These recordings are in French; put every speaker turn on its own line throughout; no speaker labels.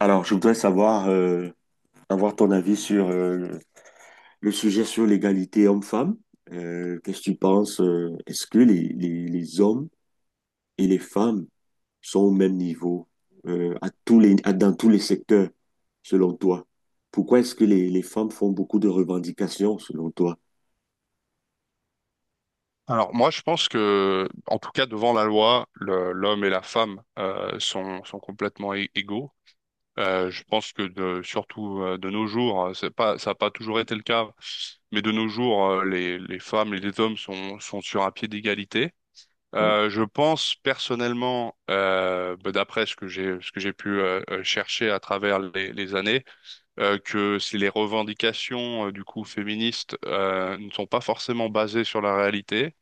Alors, je voudrais savoir, avoir ton avis sur le sujet sur l'égalité homme-femme. Qu'est-ce que tu penses? Est-ce que les hommes et les femmes sont au même niveau à dans tous les secteurs, selon toi? Pourquoi est-ce que les femmes font beaucoup de revendications, selon toi?
Alors moi, je pense que, en tout cas, devant la loi, l'homme et la femme sont complètement égaux. Je pense surtout de nos jours, c'est pas, ça n'a pas toujours été le cas, mais de nos jours, les femmes et les hommes sont sur un pied d'égalité.
Ouais,
Je pense personnellement, bah, d'après ce que j'ai pu chercher à travers les années, que si les revendications du coup féministes ne sont pas forcément basées sur la réalité.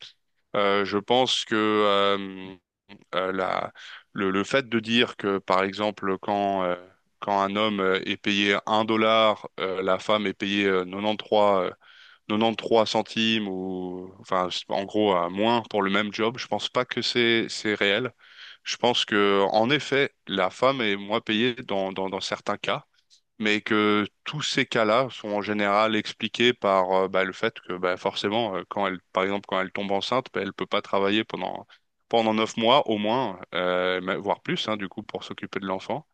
Je pense que euh, la, le fait de dire que, par exemple, quand un homme est payé un dollar, la femme est payée 93 centimes, ou enfin, en gros, moins pour le même job, je pense pas que c'est réel. Je pense que, en effet, la femme est moins payée dans certains cas, mais que tous ces cas-là sont en général expliqués par bah, le fait que bah, forcément, quand elle tombe enceinte, bah, elle peut pas travailler pendant 9 mois au moins, voire plus, hein, du coup, pour s'occuper de l'enfant.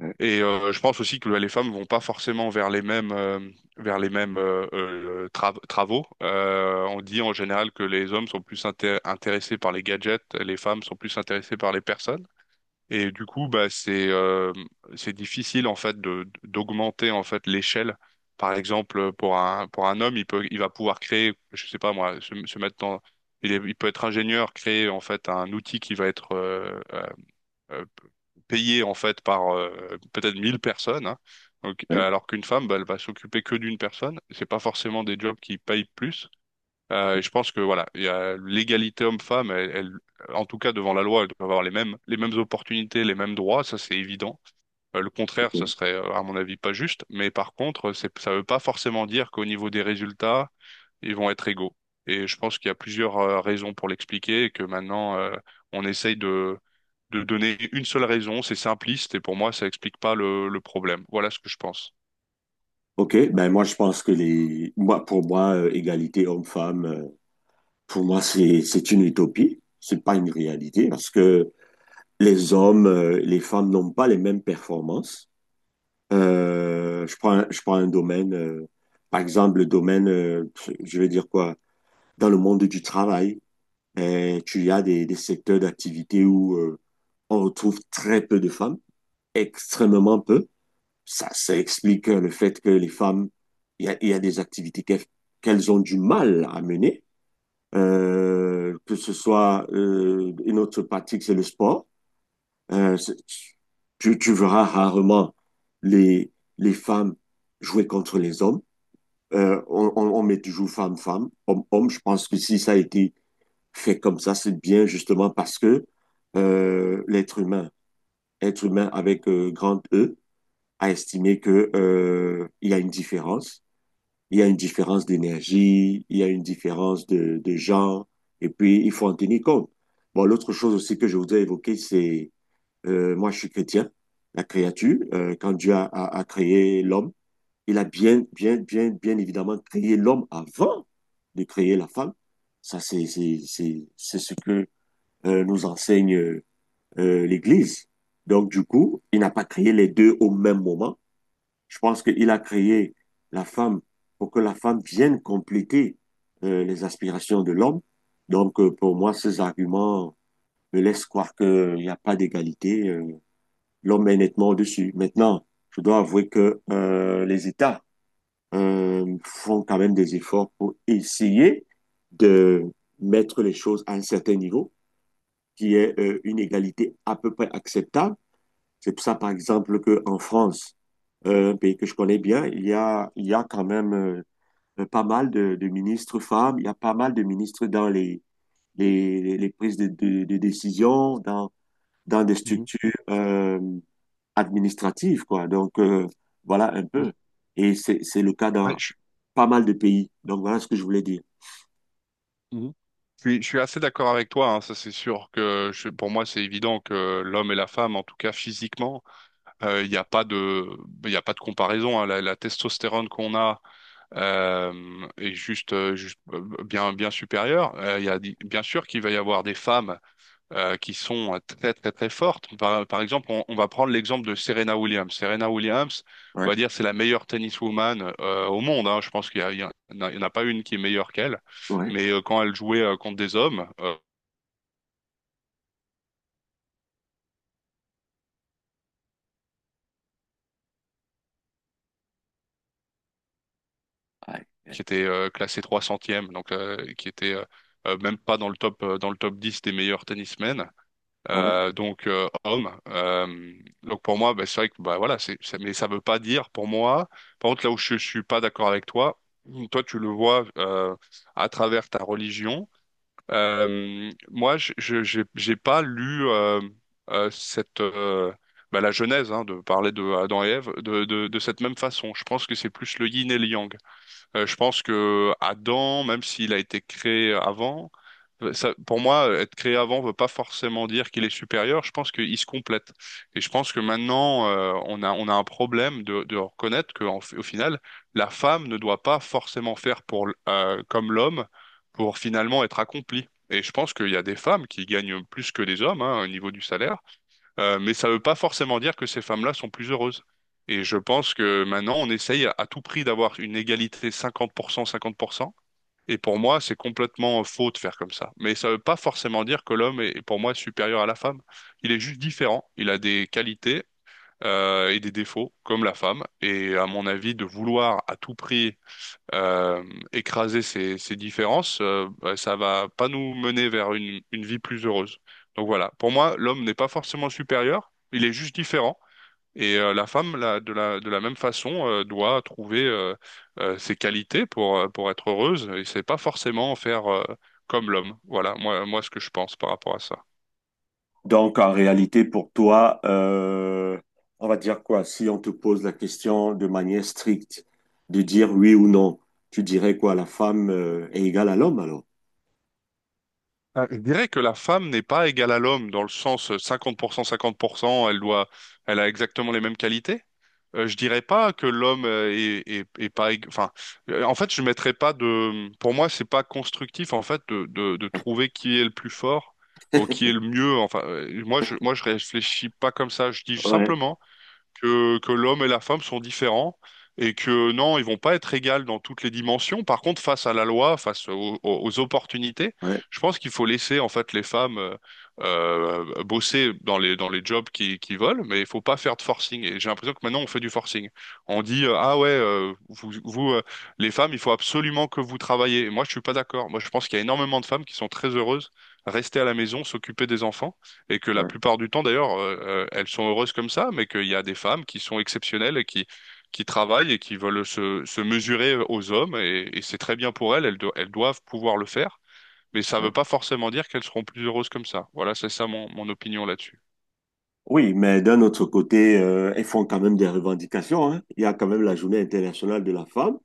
ouais,
Et je pense aussi que les femmes vont pas forcément vers les mêmes travaux. On dit en général que les hommes sont plus intéressés par les gadgets, les femmes sont plus intéressées par les personnes. Et du coup, bah, c'est difficile en fait de d'augmenter en fait l'échelle. Par exemple, pour un homme, il va pouvoir créer, je sais pas moi, se mettre dans, il peut être ingénieur, créer en fait un outil qui va être euh, payé en fait par peut-être 1000 personnes, hein. Donc,
ouais,
alors qu'une femme, bah, elle va s'occuper que d'une personne. C'est pas forcément des jobs qui payent plus. Et je pense que voilà, il y a l'égalité homme-femme, en tout cas devant la loi, elle doit avoir les mêmes opportunités, les mêmes droits, ça c'est évident. Le contraire,
ok.
ça serait à mon avis pas juste, mais par contre, ça veut pas forcément dire qu'au niveau des résultats, ils vont être égaux. Et je pense qu'il y a plusieurs raisons pour l'expliquer, et que maintenant on essaye de donner une seule raison, c'est simpliste, et pour moi ça explique pas le problème. Voilà ce que je pense.
Ok, ben moi je pense que les moi pour moi égalité homme-femme pour moi c'est une utopie, c'est pas une réalité parce que les femmes n'ont pas les mêmes performances. Je prends, je prends un domaine, par exemple, le domaine, je vais dire quoi, dans le monde du travail, tu y as des secteurs d'activité où on retrouve très peu de femmes, extrêmement peu. Ça explique le fait que les femmes, il y a des activités qu'elles ont du mal à mener. Que ce soit une autre pratique, c'est le sport. Euh, c'est- tu verras rarement les, les femmes jouer contre les hommes. On met toujours femme-femme, homme-homme. Je pense que si ça a été fait comme ça, c'est bien justement parce que l'être humain, être humain avec grand E, a estimé que il y a une différence. Il y a une différence d'énergie, il y a une différence de genre, et puis il faut en tenir compte. Bon, l'autre chose aussi que je voudrais évoquer, c'est moi, je suis chrétien, la créature. Quand Dieu a créé l'homme, il a bien évidemment créé l'homme avant de créer la femme. C'est ce que nous enseigne l'Église. Donc, du coup, il n'a pas créé les deux au même moment. Je pense qu'il a créé la femme pour que la femme vienne compléter les aspirations de l'homme. Donc, pour moi, ces arguments me laissent croire qu'il n'y a pas d'égalité. L'homme est nettement au-dessus. Maintenant, je dois avouer que les États font quand même des efforts pour essayer de mettre les choses à un certain niveau, qui est une égalité à peu près acceptable. C'est pour ça, par exemple, qu'en France, un pays que je connais bien, il y a quand même pas mal de ministres femmes, il y a pas mal de ministres dans les prises de décision, dans des
Mhm.
structures euh, administrative, quoi. Donc, voilà un peu. Et c'est le cas
Ouais,
dans
je,
pas mal de pays. Donc, voilà ce que je voulais dire.
Mhm. Je suis assez d'accord avec toi, hein, ça c'est sûr que pour moi c'est évident que l'homme et la femme, en tout cas physiquement, euh, il n'y a pas de, il y a pas de comparaison, hein. La testostérone qu'on a euh, est juste, bien supérieure. Il y a, di- bien sûr qu'il va y avoir des femmes qui sont très très très fortes. Par exemple, on va prendre l'exemple de Serena Williams. Serena Williams,
Ouais,
on va dire, c'est la meilleure tenniswoman au monde, hein. Je pense qu'il y a, il y en a pas une qui est meilleure qu'elle.
ouais,
Mais quand elle jouait contre des hommes
ouais, ouais,
qui étaient classés 300e, donc qui étaient même pas dans le top dans le top 10 des meilleurs tennismen,
ouais.
donc homme. Donc pour moi, bah, c'est vrai que bah voilà, mais ça veut pas dire pour moi. Par contre, là où je suis pas d'accord avec toi, toi tu le vois à travers ta religion. J'ai pas lu cette bah, la Genèse hein, de parler de Adam et Ève de cette même façon. Je pense que c'est plus le yin et le yang. Je pense que Adam, même s'il a été créé avant, pour moi, être créé avant ne veut pas forcément dire qu'il est supérieur. Je pense qu'il se complète. Et je pense que maintenant, on a un problème de reconnaître qu'au final, la femme ne doit pas forcément faire comme l'homme pour finalement être accomplie. Et je pense qu'il y a des femmes qui gagnent plus que des hommes, hein, au niveau du salaire, mais ça ne veut pas forcément dire que ces femmes-là sont plus heureuses. Et je pense que maintenant, on essaye à tout prix d'avoir une égalité 50%, 50%. Et pour moi, c'est complètement faux de faire comme ça. Mais ça ne veut pas forcément dire que l'homme est, pour moi, supérieur à la femme. Il est juste différent. Il a des qualités, et des défauts, comme la femme. Et à mon avis, de vouloir à tout prix euh, écraser ces différences, bah, ça va pas nous mener vers une vie plus heureuse. Donc voilà, pour moi, l'homme n'est pas forcément supérieur, il est juste différent. Et la femme, là, de la même façon, doit trouver ses qualités pour être heureuse. Et c'est pas forcément faire comme l'homme. Voilà, moi, ce que je pense par rapport à ça.
Donc, en réalité, pour toi, on va dire quoi? Si on te pose la question de manière stricte, de dire oui ou non, tu dirais quoi? La femme, est égale à l'homme, alors?
Ah, je dirais que la femme n'est pas égale à l'homme dans le sens 50%, 50%, elle a exactement les mêmes qualités. Je dirais pas que l'homme est pas, ég- enfin, en fait, je mettrais pas de, pour moi, c'est pas constructif, en fait, de trouver qui est le plus fort ou qui est le mieux. Enfin, moi, je réfléchis pas comme ça. Je dis
Ouais,
simplement que l'homme et la femme sont différents et que non, ils vont pas être égales dans toutes les dimensions. Par contre, face à la loi, aux opportunités,
ouais,
je pense qu'il faut laisser en fait les femmes bosser dans les jobs qui veulent, mais il faut pas faire de forcing. Et j'ai l'impression que maintenant on fait du forcing. On dit ah ouais, vous les femmes, il faut absolument que vous travaillez. Et moi, je suis pas d'accord. Moi, je pense qu'il y a énormément de femmes qui sont très heureuses rester à la maison, s'occuper des enfants et que la
ouais,
plupart du temps, d'ailleurs, elles sont heureuses comme ça, mais qu'il y a des femmes qui sont exceptionnelles et qui travaillent et qui veulent se mesurer aux hommes, et c'est très bien pour elles, elles doivent pouvoir le faire, mais ça ne
ouais.
veut pas forcément dire qu'elles seront plus heureuses comme ça. Voilà, c'est ça mon opinion là-dessus.
Oui, mais d'un autre côté, elles font quand même des revendications, hein. Il y a quand même la Journée internationale de la femme.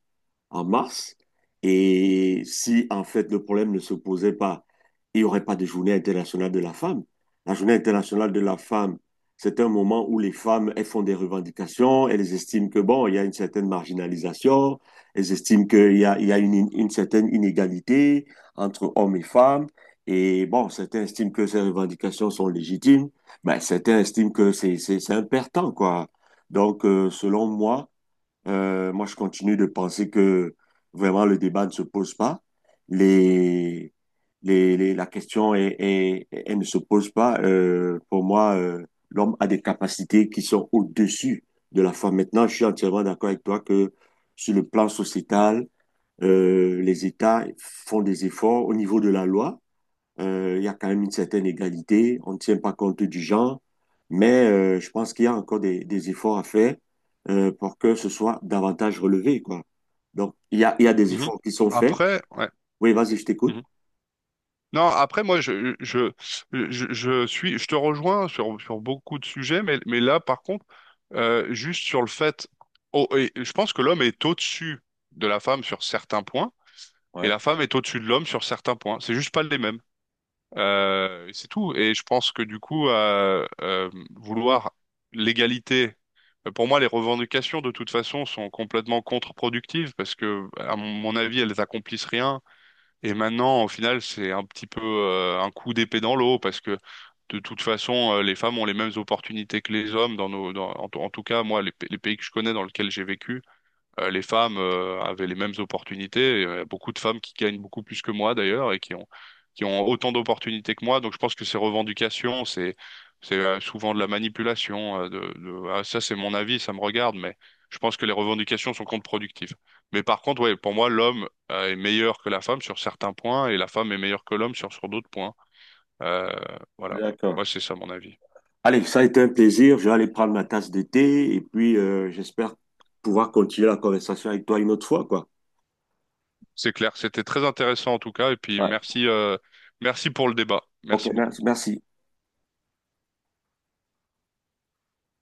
En mars. Et si, en fait, le problème ne se posait pas, il n'y aurait pas de journée internationale de la femme. La journée internationale de la femme, c'est un moment où les femmes, elles font des revendications, elles estiment que, bon, il y a une certaine marginalisation, elles estiment qu'il y a une certaine inégalité entre hommes et femmes. Et bon, certains estiment que ces revendications sont légitimes, mais certains estiment que c'est un perte quoi. Donc, selon moi, moi, je continue de penser que vraiment le débat ne se pose pas. Les, la question est, elle ne se pose pas. Pour moi, l'homme a des capacités qui sont au-dessus de la foi. Maintenant, je suis entièrement d'accord avec toi que sur le plan sociétal, les États font des efforts au niveau de la loi, il y a quand même une certaine égalité. On ne tient pas compte du genre. Mais je pense qu'il y a encore des efforts à faire pour que ce soit davantage relevé, quoi. Donc, il y a des
Mhm.
efforts qui sont faits.
Après, ouais.
Oui, vas-y, je t'écoute.
Mhm. Non, après, moi, je, je te rejoins sur beaucoup de sujets, mais là, par contre, juste sur le fait, oh, et je pense que l'homme est au-dessus de la femme sur certains points, et
Ouais,
la femme est au-dessus de l'homme sur certains points. C'est juste pas les mêmes. C'est tout. Et je pense que du coup, vouloir l'égalité, pour moi, les revendications de toute façon sont complètement contre-productives parce que, à mon avis, elles accomplissent rien. Et maintenant, au final, c'est un petit peu un coup d'épée dans l'eau parce que de toute façon, les femmes ont les mêmes opportunités que les hommes dans nos, dans- en tout cas, moi, les pays que je connais dans lesquels j'ai vécu les femmes avaient les mêmes opportunités. Et, beaucoup de femmes qui gagnent beaucoup plus que moi d'ailleurs et qui ont autant d'opportunités que moi. Donc je pense que ces revendications, c'est souvent de la manipulation. Ah, ça c'est mon avis, ça me regarde, mais je pense que les revendications sont contre-productives. Mais par contre, ouais, pour moi, l'homme est meilleur que la femme sur certains points et la femme est meilleure que l'homme sur d'autres points. Euh, voilà. Moi,
d'accord.
c'est ça mon avis.
Allez, ça a été un plaisir. Je vais aller prendre ma tasse de thé et puis j'espère pouvoir continuer la conversation avec toi une autre fois, quoi.
C'est clair. C'était très intéressant en tout cas. Et puis
Ouais.
merci, merci pour le débat.
Ok,
Merci beaucoup.
merci. Merci.